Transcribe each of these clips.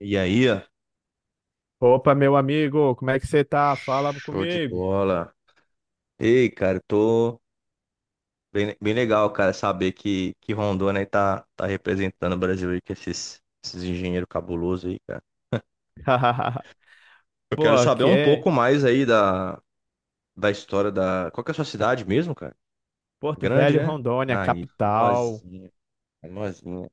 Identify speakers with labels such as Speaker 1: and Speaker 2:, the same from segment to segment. Speaker 1: E aí, ó,
Speaker 2: Opa, meu amigo, como é que você tá? Fala
Speaker 1: show de
Speaker 2: comigo.
Speaker 1: bola. Ei, cara, eu tô bem, bem legal, cara, saber que Rondônia aí tá representando o Brasil aí com esses engenheiros cabulosos aí, cara. Eu
Speaker 2: Pô,
Speaker 1: quero saber
Speaker 2: aqui
Speaker 1: um
Speaker 2: é
Speaker 1: pouco mais aí da história da. Qual que é a sua cidade mesmo, cara?
Speaker 2: Porto
Speaker 1: Grande,
Speaker 2: Velho,
Speaker 1: né?
Speaker 2: Rondônia,
Speaker 1: Aí,
Speaker 2: capital.
Speaker 1: famosinha, famosinha.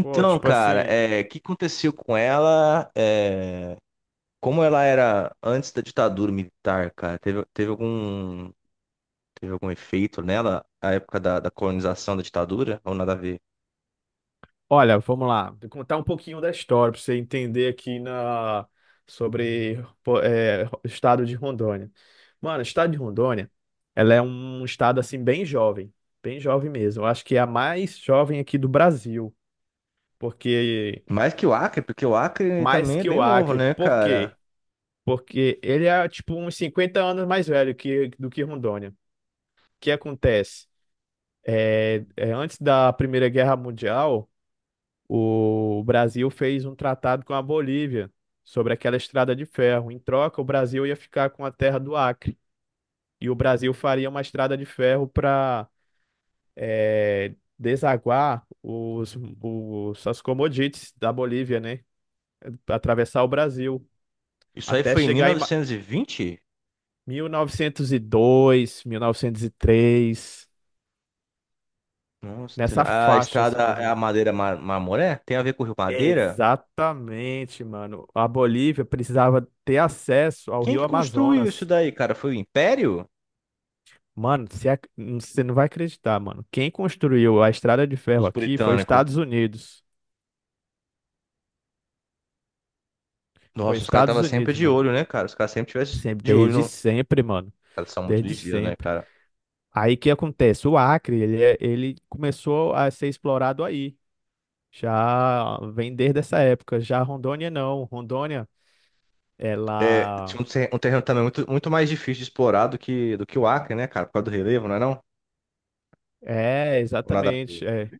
Speaker 2: Pô, tipo
Speaker 1: cara,
Speaker 2: assim,
Speaker 1: é, o que aconteceu com ela? É, como ela era antes da ditadura militar, cara? Teve algum efeito nela, a época da colonização da ditadura, ou nada a ver?
Speaker 2: olha, vamos lá, vou contar um pouquinho da história pra você entender aqui na sobre pô, é, o estado de Rondônia. Mano, o estado de Rondônia, ela é um estado assim bem jovem mesmo. Eu acho que é a mais jovem aqui do Brasil, porque
Speaker 1: Mais que o Acre, porque o Acre
Speaker 2: mais
Speaker 1: também é
Speaker 2: que
Speaker 1: bem
Speaker 2: o
Speaker 1: novo,
Speaker 2: Acre.
Speaker 1: né,
Speaker 2: Por
Speaker 1: cara?
Speaker 2: quê? Porque ele é tipo uns 50 anos mais velho do que Rondônia. O que acontece? Antes da Primeira Guerra Mundial, o Brasil fez um tratado com a Bolívia sobre aquela estrada de ferro. Em troca, o Brasil ia ficar com a terra do Acre. E o Brasil faria uma estrada de ferro para desaguar as commodities da Bolívia, né? Atravessar o Brasil.
Speaker 1: Isso aí
Speaker 2: Até
Speaker 1: foi em
Speaker 2: chegar em
Speaker 1: 1920?
Speaker 2: mil novecentos e dois, 1903,
Speaker 1: Nossa,
Speaker 2: nessa
Speaker 1: a
Speaker 2: faixa
Speaker 1: estrada,
Speaker 2: assim, mais ou
Speaker 1: é a
Speaker 2: menos.
Speaker 1: Marmoré? Tem a ver com o Rio Madeira?
Speaker 2: Exatamente, mano. A Bolívia precisava ter acesso ao
Speaker 1: Quem
Speaker 2: Rio
Speaker 1: que construiu isso
Speaker 2: Amazonas.
Speaker 1: daí, cara? Foi o Império?
Speaker 2: Mano, você não vai acreditar, mano. Quem construiu a estrada de ferro
Speaker 1: Os
Speaker 2: aqui foi os
Speaker 1: britânicos?
Speaker 2: Estados Unidos. Foi
Speaker 1: Nossa, os caras
Speaker 2: Estados
Speaker 1: estavam sempre
Speaker 2: Unidos,
Speaker 1: de
Speaker 2: mano.
Speaker 1: olho, né, cara? Os caras sempre tivessem
Speaker 2: Sempre,
Speaker 1: de olho
Speaker 2: desde
Speaker 1: no...
Speaker 2: sempre, mano.
Speaker 1: Eles são muito
Speaker 2: Desde
Speaker 1: ligeiros, né,
Speaker 2: sempre.
Speaker 1: cara?
Speaker 2: Aí o que acontece? O Acre, ele começou a ser explorado aí. Já vem desde essa época. Já Rondônia não. Rondônia,
Speaker 1: É,
Speaker 2: ela
Speaker 1: tinha um terreno também muito mais difícil de explorar do que o Acre, né, cara? Por causa do relevo, não é não?
Speaker 2: é
Speaker 1: Ou nada.
Speaker 2: exatamente. É,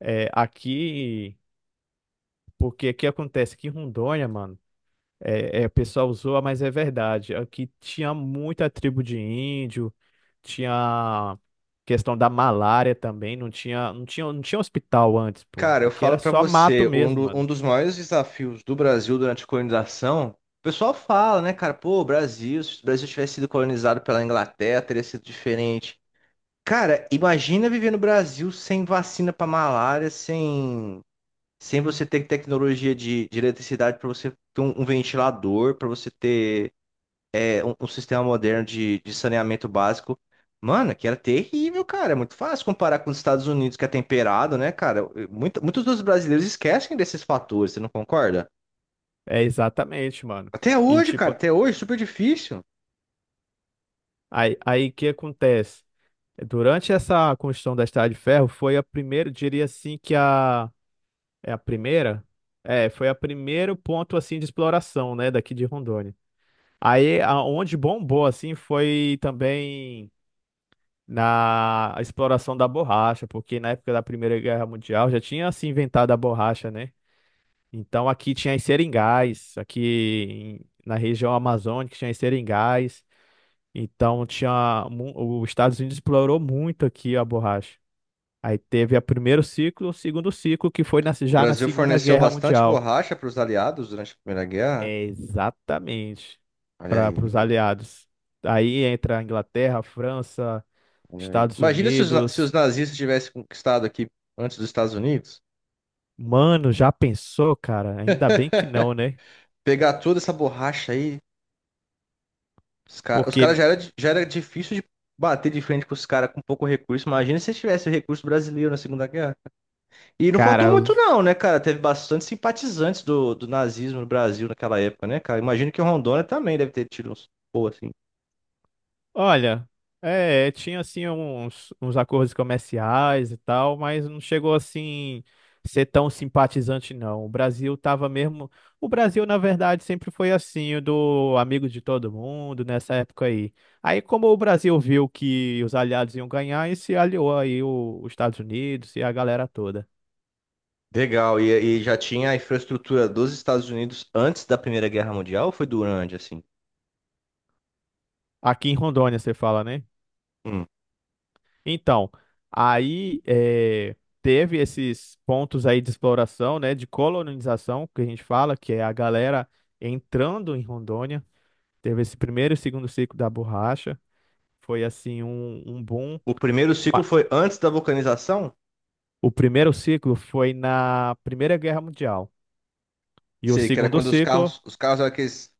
Speaker 2: é aqui, porque o que acontece que em Rondônia, mano, o pessoal zoa, mas é verdade. Aqui tinha muita tribo de índio, tinha questão da malária também. Não tinha, não tinha, não tinha hospital antes, pô.
Speaker 1: Cara, eu
Speaker 2: Aqui
Speaker 1: falo
Speaker 2: era
Speaker 1: pra
Speaker 2: só mato
Speaker 1: você,
Speaker 2: mesmo,
Speaker 1: um
Speaker 2: mano.
Speaker 1: dos maiores desafios do Brasil durante a colonização, o pessoal fala, né, cara, pô, o Brasil, se o Brasil tivesse sido colonizado pela Inglaterra, teria sido diferente. Cara, imagina viver no Brasil sem vacina pra malária, sem, sem você ter tecnologia de eletricidade pra você ter um ventilador, pra você ter um sistema moderno de saneamento básico. Mano, que era terrível, cara. É muito fácil comparar com os Estados Unidos, que é temperado, né, cara? Muitos dos brasileiros esquecem desses fatores, você não concorda?
Speaker 2: É exatamente, mano.
Speaker 1: Até
Speaker 2: E
Speaker 1: hoje, cara,
Speaker 2: tipo,
Speaker 1: até hoje, super difícil.
Speaker 2: aí o que acontece? Durante essa construção da Estrada de Ferro, foi a primeira, diria assim que a é a primeira, foi a primeiro ponto assim de exploração, né, daqui de Rondônia. Aí aonde bombou assim foi também na exploração da borracha, porque na época da Primeira Guerra Mundial já tinha se inventado a borracha, né? Então aqui tinha os seringais, na região amazônica tinha os seringais. Então os Estados Unidos explorou muito aqui a borracha. Aí teve o primeiro ciclo, o segundo ciclo, que foi
Speaker 1: O
Speaker 2: já na
Speaker 1: Brasil
Speaker 2: Segunda
Speaker 1: forneceu
Speaker 2: Guerra
Speaker 1: bastante
Speaker 2: Mundial.
Speaker 1: borracha para os aliados durante a Primeira Guerra.
Speaker 2: É exatamente
Speaker 1: Olha
Speaker 2: para
Speaker 1: aí,
Speaker 2: os
Speaker 1: mano.
Speaker 2: aliados. Aí entra a Inglaterra, a França,
Speaker 1: Olha aí.
Speaker 2: Estados
Speaker 1: Imagina se se os
Speaker 2: Unidos.
Speaker 1: nazistas tivessem conquistado aqui antes dos Estados Unidos.
Speaker 2: Mano, já pensou, cara? Ainda bem que não, né?
Speaker 1: Pegar toda essa borracha aí. Os caras os cara
Speaker 2: Porque,
Speaker 1: já era difícil de bater de frente com os caras com pouco recurso. Imagina se tivesse recurso brasileiro na Segunda Guerra. E não faltou
Speaker 2: cara,
Speaker 1: muito, não, né, cara? Teve bastante simpatizantes do nazismo no Brasil naquela época, né, cara? Imagino que o Rondônia também deve ter tido uns. Pô, assim.
Speaker 2: Olha, tinha assim uns acordos comerciais e tal, mas não chegou assim ser tão simpatizante, não. O Brasil tava mesmo. O Brasil, na verdade, sempre foi assim, o do amigo de todo mundo nessa época aí. Aí, como o Brasil viu que os aliados iam ganhar, e se aliou aí os Estados Unidos e a galera toda.
Speaker 1: Legal. E já tinha a infraestrutura dos Estados Unidos antes da Primeira Guerra Mundial ou foi durante, assim?
Speaker 2: Aqui em Rondônia, você fala, né?
Speaker 1: Hum.
Speaker 2: Então, aí teve esses pontos aí de exploração, né, de colonização, que a gente fala, que é a galera entrando em Rondônia. Teve esse primeiro e segundo ciclo da borracha. Foi assim um boom.
Speaker 1: O primeiro ciclo
Speaker 2: Ma-
Speaker 1: foi antes da vulcanização?
Speaker 2: O primeiro ciclo foi na Primeira Guerra Mundial. E o
Speaker 1: Sei que era
Speaker 2: segundo
Speaker 1: quando
Speaker 2: ciclo.
Speaker 1: os carros eram aqueles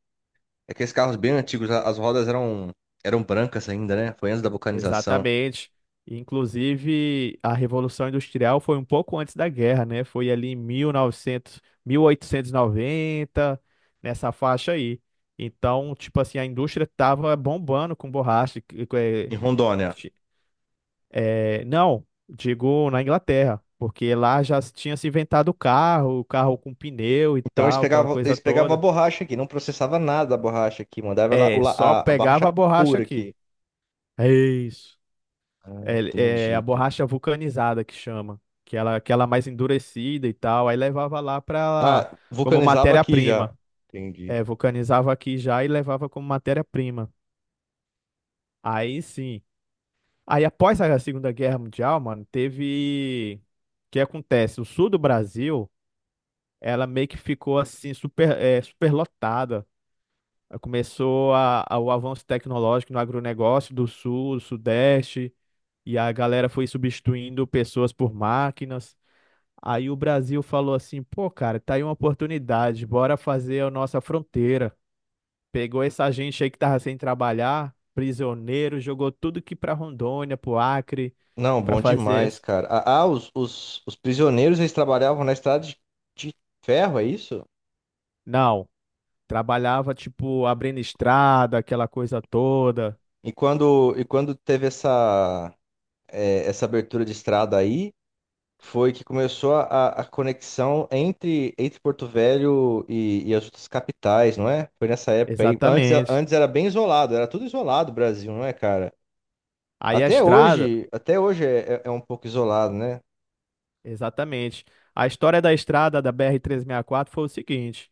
Speaker 1: é que esses carros bem antigos, as rodas eram brancas ainda, né? Foi antes da vulcanização
Speaker 2: Exatamente. Inclusive, a Revolução Industrial foi um pouco antes da guerra, né? Foi ali em 1890, nessa faixa aí. Então, tipo assim, a indústria tava bombando com borracha.
Speaker 1: em Rondônia.
Speaker 2: Ti- não, digo na Inglaterra, porque lá já se tinha se inventado o carro com pneu e
Speaker 1: Então
Speaker 2: tal, aquela coisa
Speaker 1: eles pegavam a
Speaker 2: toda.
Speaker 1: borracha aqui, não processava nada da borracha aqui, mandava ela,
Speaker 2: É, só
Speaker 1: a
Speaker 2: pegava
Speaker 1: borracha
Speaker 2: a borracha
Speaker 1: pura
Speaker 2: aqui.
Speaker 1: aqui.
Speaker 2: É isso.
Speaker 1: Ah,
Speaker 2: É, é a
Speaker 1: entendi, cara.
Speaker 2: borracha vulcanizada que chama, que ela é mais endurecida e tal, aí levava lá para
Speaker 1: Ah,
Speaker 2: como
Speaker 1: vulcanizava aqui já.
Speaker 2: matéria-prima.
Speaker 1: Entendi.
Speaker 2: É, vulcanizava aqui já e levava como matéria-prima. Aí sim. Aí após a Segunda Guerra Mundial, mano, teve o que acontece? O sul do Brasil, ela meio que ficou assim superlotada. Começou o avanço tecnológico no agronegócio do sul, do sudeste, e a galera foi substituindo pessoas por máquinas. Aí o Brasil falou assim: pô, cara, tá aí uma oportunidade, bora fazer a nossa fronteira. Pegou essa gente aí que tava sem trabalhar, prisioneiro, jogou tudo que pra Rondônia, pro Acre,
Speaker 1: Não,
Speaker 2: pra
Speaker 1: bom
Speaker 2: fazer.
Speaker 1: demais, cara. Os prisioneiros eles trabalhavam na estrada de ferro, é isso?
Speaker 2: Não, trabalhava tipo abrindo estrada, aquela coisa toda.
Speaker 1: E quando teve essa, é, essa abertura de estrada aí. Foi que começou a conexão entre Porto Velho e as outras capitais, não é? Foi nessa época aí.
Speaker 2: Exatamente.
Speaker 1: Antes era bem isolado, era tudo isolado o Brasil, não é, cara?
Speaker 2: Aí a estrada,
Speaker 1: Até hoje é, é um pouco isolado, né?
Speaker 2: exatamente. A história da estrada da BR-4 foi o seguinte.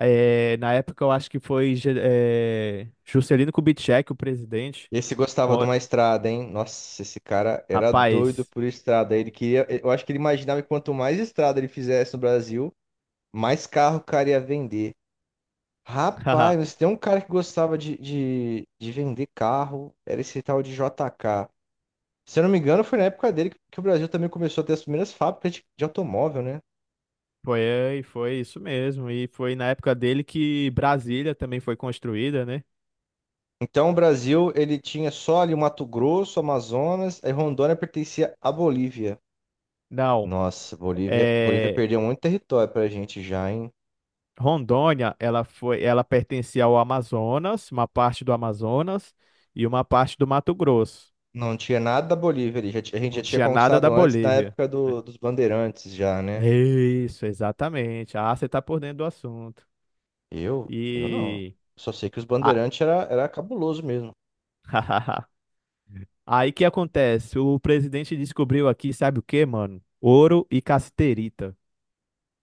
Speaker 2: Na época, eu acho que foi Juscelino Kubitschek, o presidente.
Speaker 1: Esse gostava de uma estrada, hein? Nossa, esse cara era doido
Speaker 2: Rapaz,
Speaker 1: por estrada. Ele queria, eu acho que ele imaginava que quanto mais estrada ele fizesse no Brasil, mais carro o cara ia vender. Rapaz, mas tem um cara que gostava de vender carro, era esse tal de JK. Se eu não me engano, foi na época dele que o Brasil também começou a ter as primeiras fábricas de automóvel, né?
Speaker 2: foi isso mesmo. E foi na época dele que Brasília também foi construída, né?
Speaker 1: Então, o Brasil, ele tinha só ali o Mato Grosso, Amazonas, aí Rondônia pertencia à Bolívia.
Speaker 2: Não,
Speaker 1: Nossa, Bolívia
Speaker 2: é,
Speaker 1: perdeu muito território pra gente já, hein?
Speaker 2: Rondônia, ela pertencia ao Amazonas, uma parte do Amazonas e uma parte do Mato Grosso.
Speaker 1: Não tinha nada da Bolívia ali, a gente já
Speaker 2: Não
Speaker 1: tinha
Speaker 2: tinha nada da
Speaker 1: conquistado antes, na
Speaker 2: Bolívia.
Speaker 1: época dos Bandeirantes já, né?
Speaker 2: É isso, exatamente. Ah, você tá por dentro do assunto.
Speaker 1: Eu? Eu não.
Speaker 2: E
Speaker 1: Só sei que os
Speaker 2: Ah,
Speaker 1: Bandeirantes era cabuloso mesmo.
Speaker 2: aí que acontece? O presidente descobriu aqui, sabe o que mano? Ouro e cassiterita.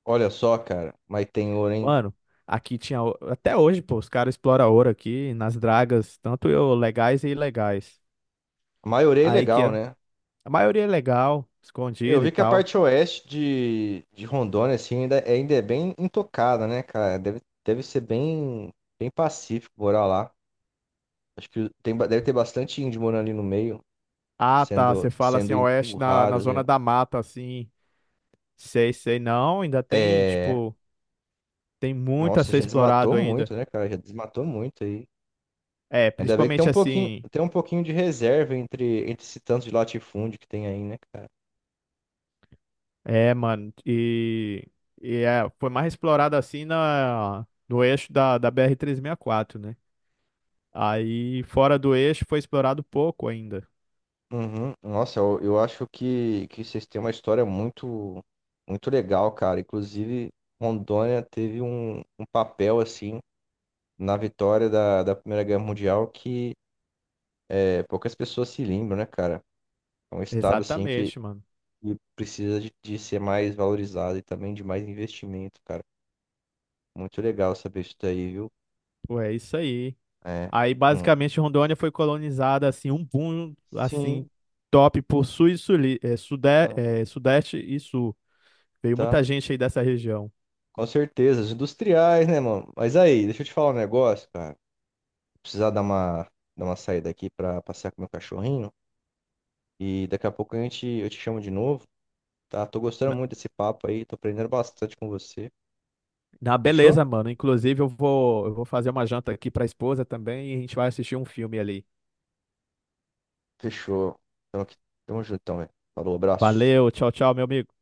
Speaker 1: Olha só, cara, mas tem ouro, hein?
Speaker 2: Mano, aqui tinha. Até hoje, pô, os caras exploram ouro aqui nas dragas, tanto eu, legais e ilegais.
Speaker 1: A maioria é
Speaker 2: Aí que
Speaker 1: legal,
Speaker 2: a
Speaker 1: né?
Speaker 2: a maioria é legal,
Speaker 1: Eu
Speaker 2: escondida
Speaker 1: vi
Speaker 2: e
Speaker 1: que a
Speaker 2: tal.
Speaker 1: parte oeste de Rondônia, assim, ainda é bem intocada, né, cara? Deve ser bem, bem pacífico morar lá. Acho que tem, deve ter bastante índio morando ali no meio,
Speaker 2: Ah, tá. Você fala
Speaker 1: sendo
Speaker 2: assim, oeste na
Speaker 1: empurrado,
Speaker 2: zona
Speaker 1: assim.
Speaker 2: da mata, assim. Sei, sei. Não, ainda tem,
Speaker 1: É,
Speaker 2: tipo, tem muito a
Speaker 1: nossa,
Speaker 2: ser
Speaker 1: já desmatou
Speaker 2: explorado ainda.
Speaker 1: muito, né, cara? Já desmatou muito aí.
Speaker 2: É,
Speaker 1: Ainda bem que
Speaker 2: principalmente assim.
Speaker 1: tem um pouquinho de reserva entre esse tanto de latifúndio que tem aí, né, cara?
Speaker 2: É, mano. E foi mais explorado assim no eixo da BR-4, né? Aí, fora do eixo, foi explorado pouco ainda.
Speaker 1: Uhum. Nossa, eu acho que vocês têm uma história muito, muito legal, cara. Inclusive, Rondônia teve um papel, assim, na vitória da Primeira Guerra Mundial que é, poucas pessoas se lembram, né, cara? É um estado, assim,
Speaker 2: Exatamente, mano.
Speaker 1: que precisa de ser mais valorizado e também de mais investimento, cara. Muito legal saber isso daí, viu?
Speaker 2: Pô, é isso aí.
Speaker 1: É.
Speaker 2: Aí,
Speaker 1: Hum.
Speaker 2: basicamente, Rondônia foi colonizada, assim, um boom, assim,
Speaker 1: Sim.
Speaker 2: top por sul e suli, eh, sude,
Speaker 1: Aham.
Speaker 2: eh, sudeste e sul. Veio muita
Speaker 1: Tá.
Speaker 2: gente aí dessa região.
Speaker 1: Com certeza. Os industriais, né, mano? Mas aí, deixa eu te falar um negócio, cara. Precisar dar uma saída aqui pra passear com meu cachorrinho. E daqui a pouco a gente, eu te chamo de novo, tá? Tô gostando
Speaker 2: Na,
Speaker 1: muito desse papo aí, tô aprendendo bastante com você.
Speaker 2: na
Speaker 1: Fechou?
Speaker 2: beleza, mano. Inclusive, eu vou fazer uma janta aqui pra esposa também e a gente vai assistir um filme ali.
Speaker 1: Fechou. Então aqui, tamo juntão, velho. Falou, abraço.
Speaker 2: Valeu, tchau, tchau, meu amigo.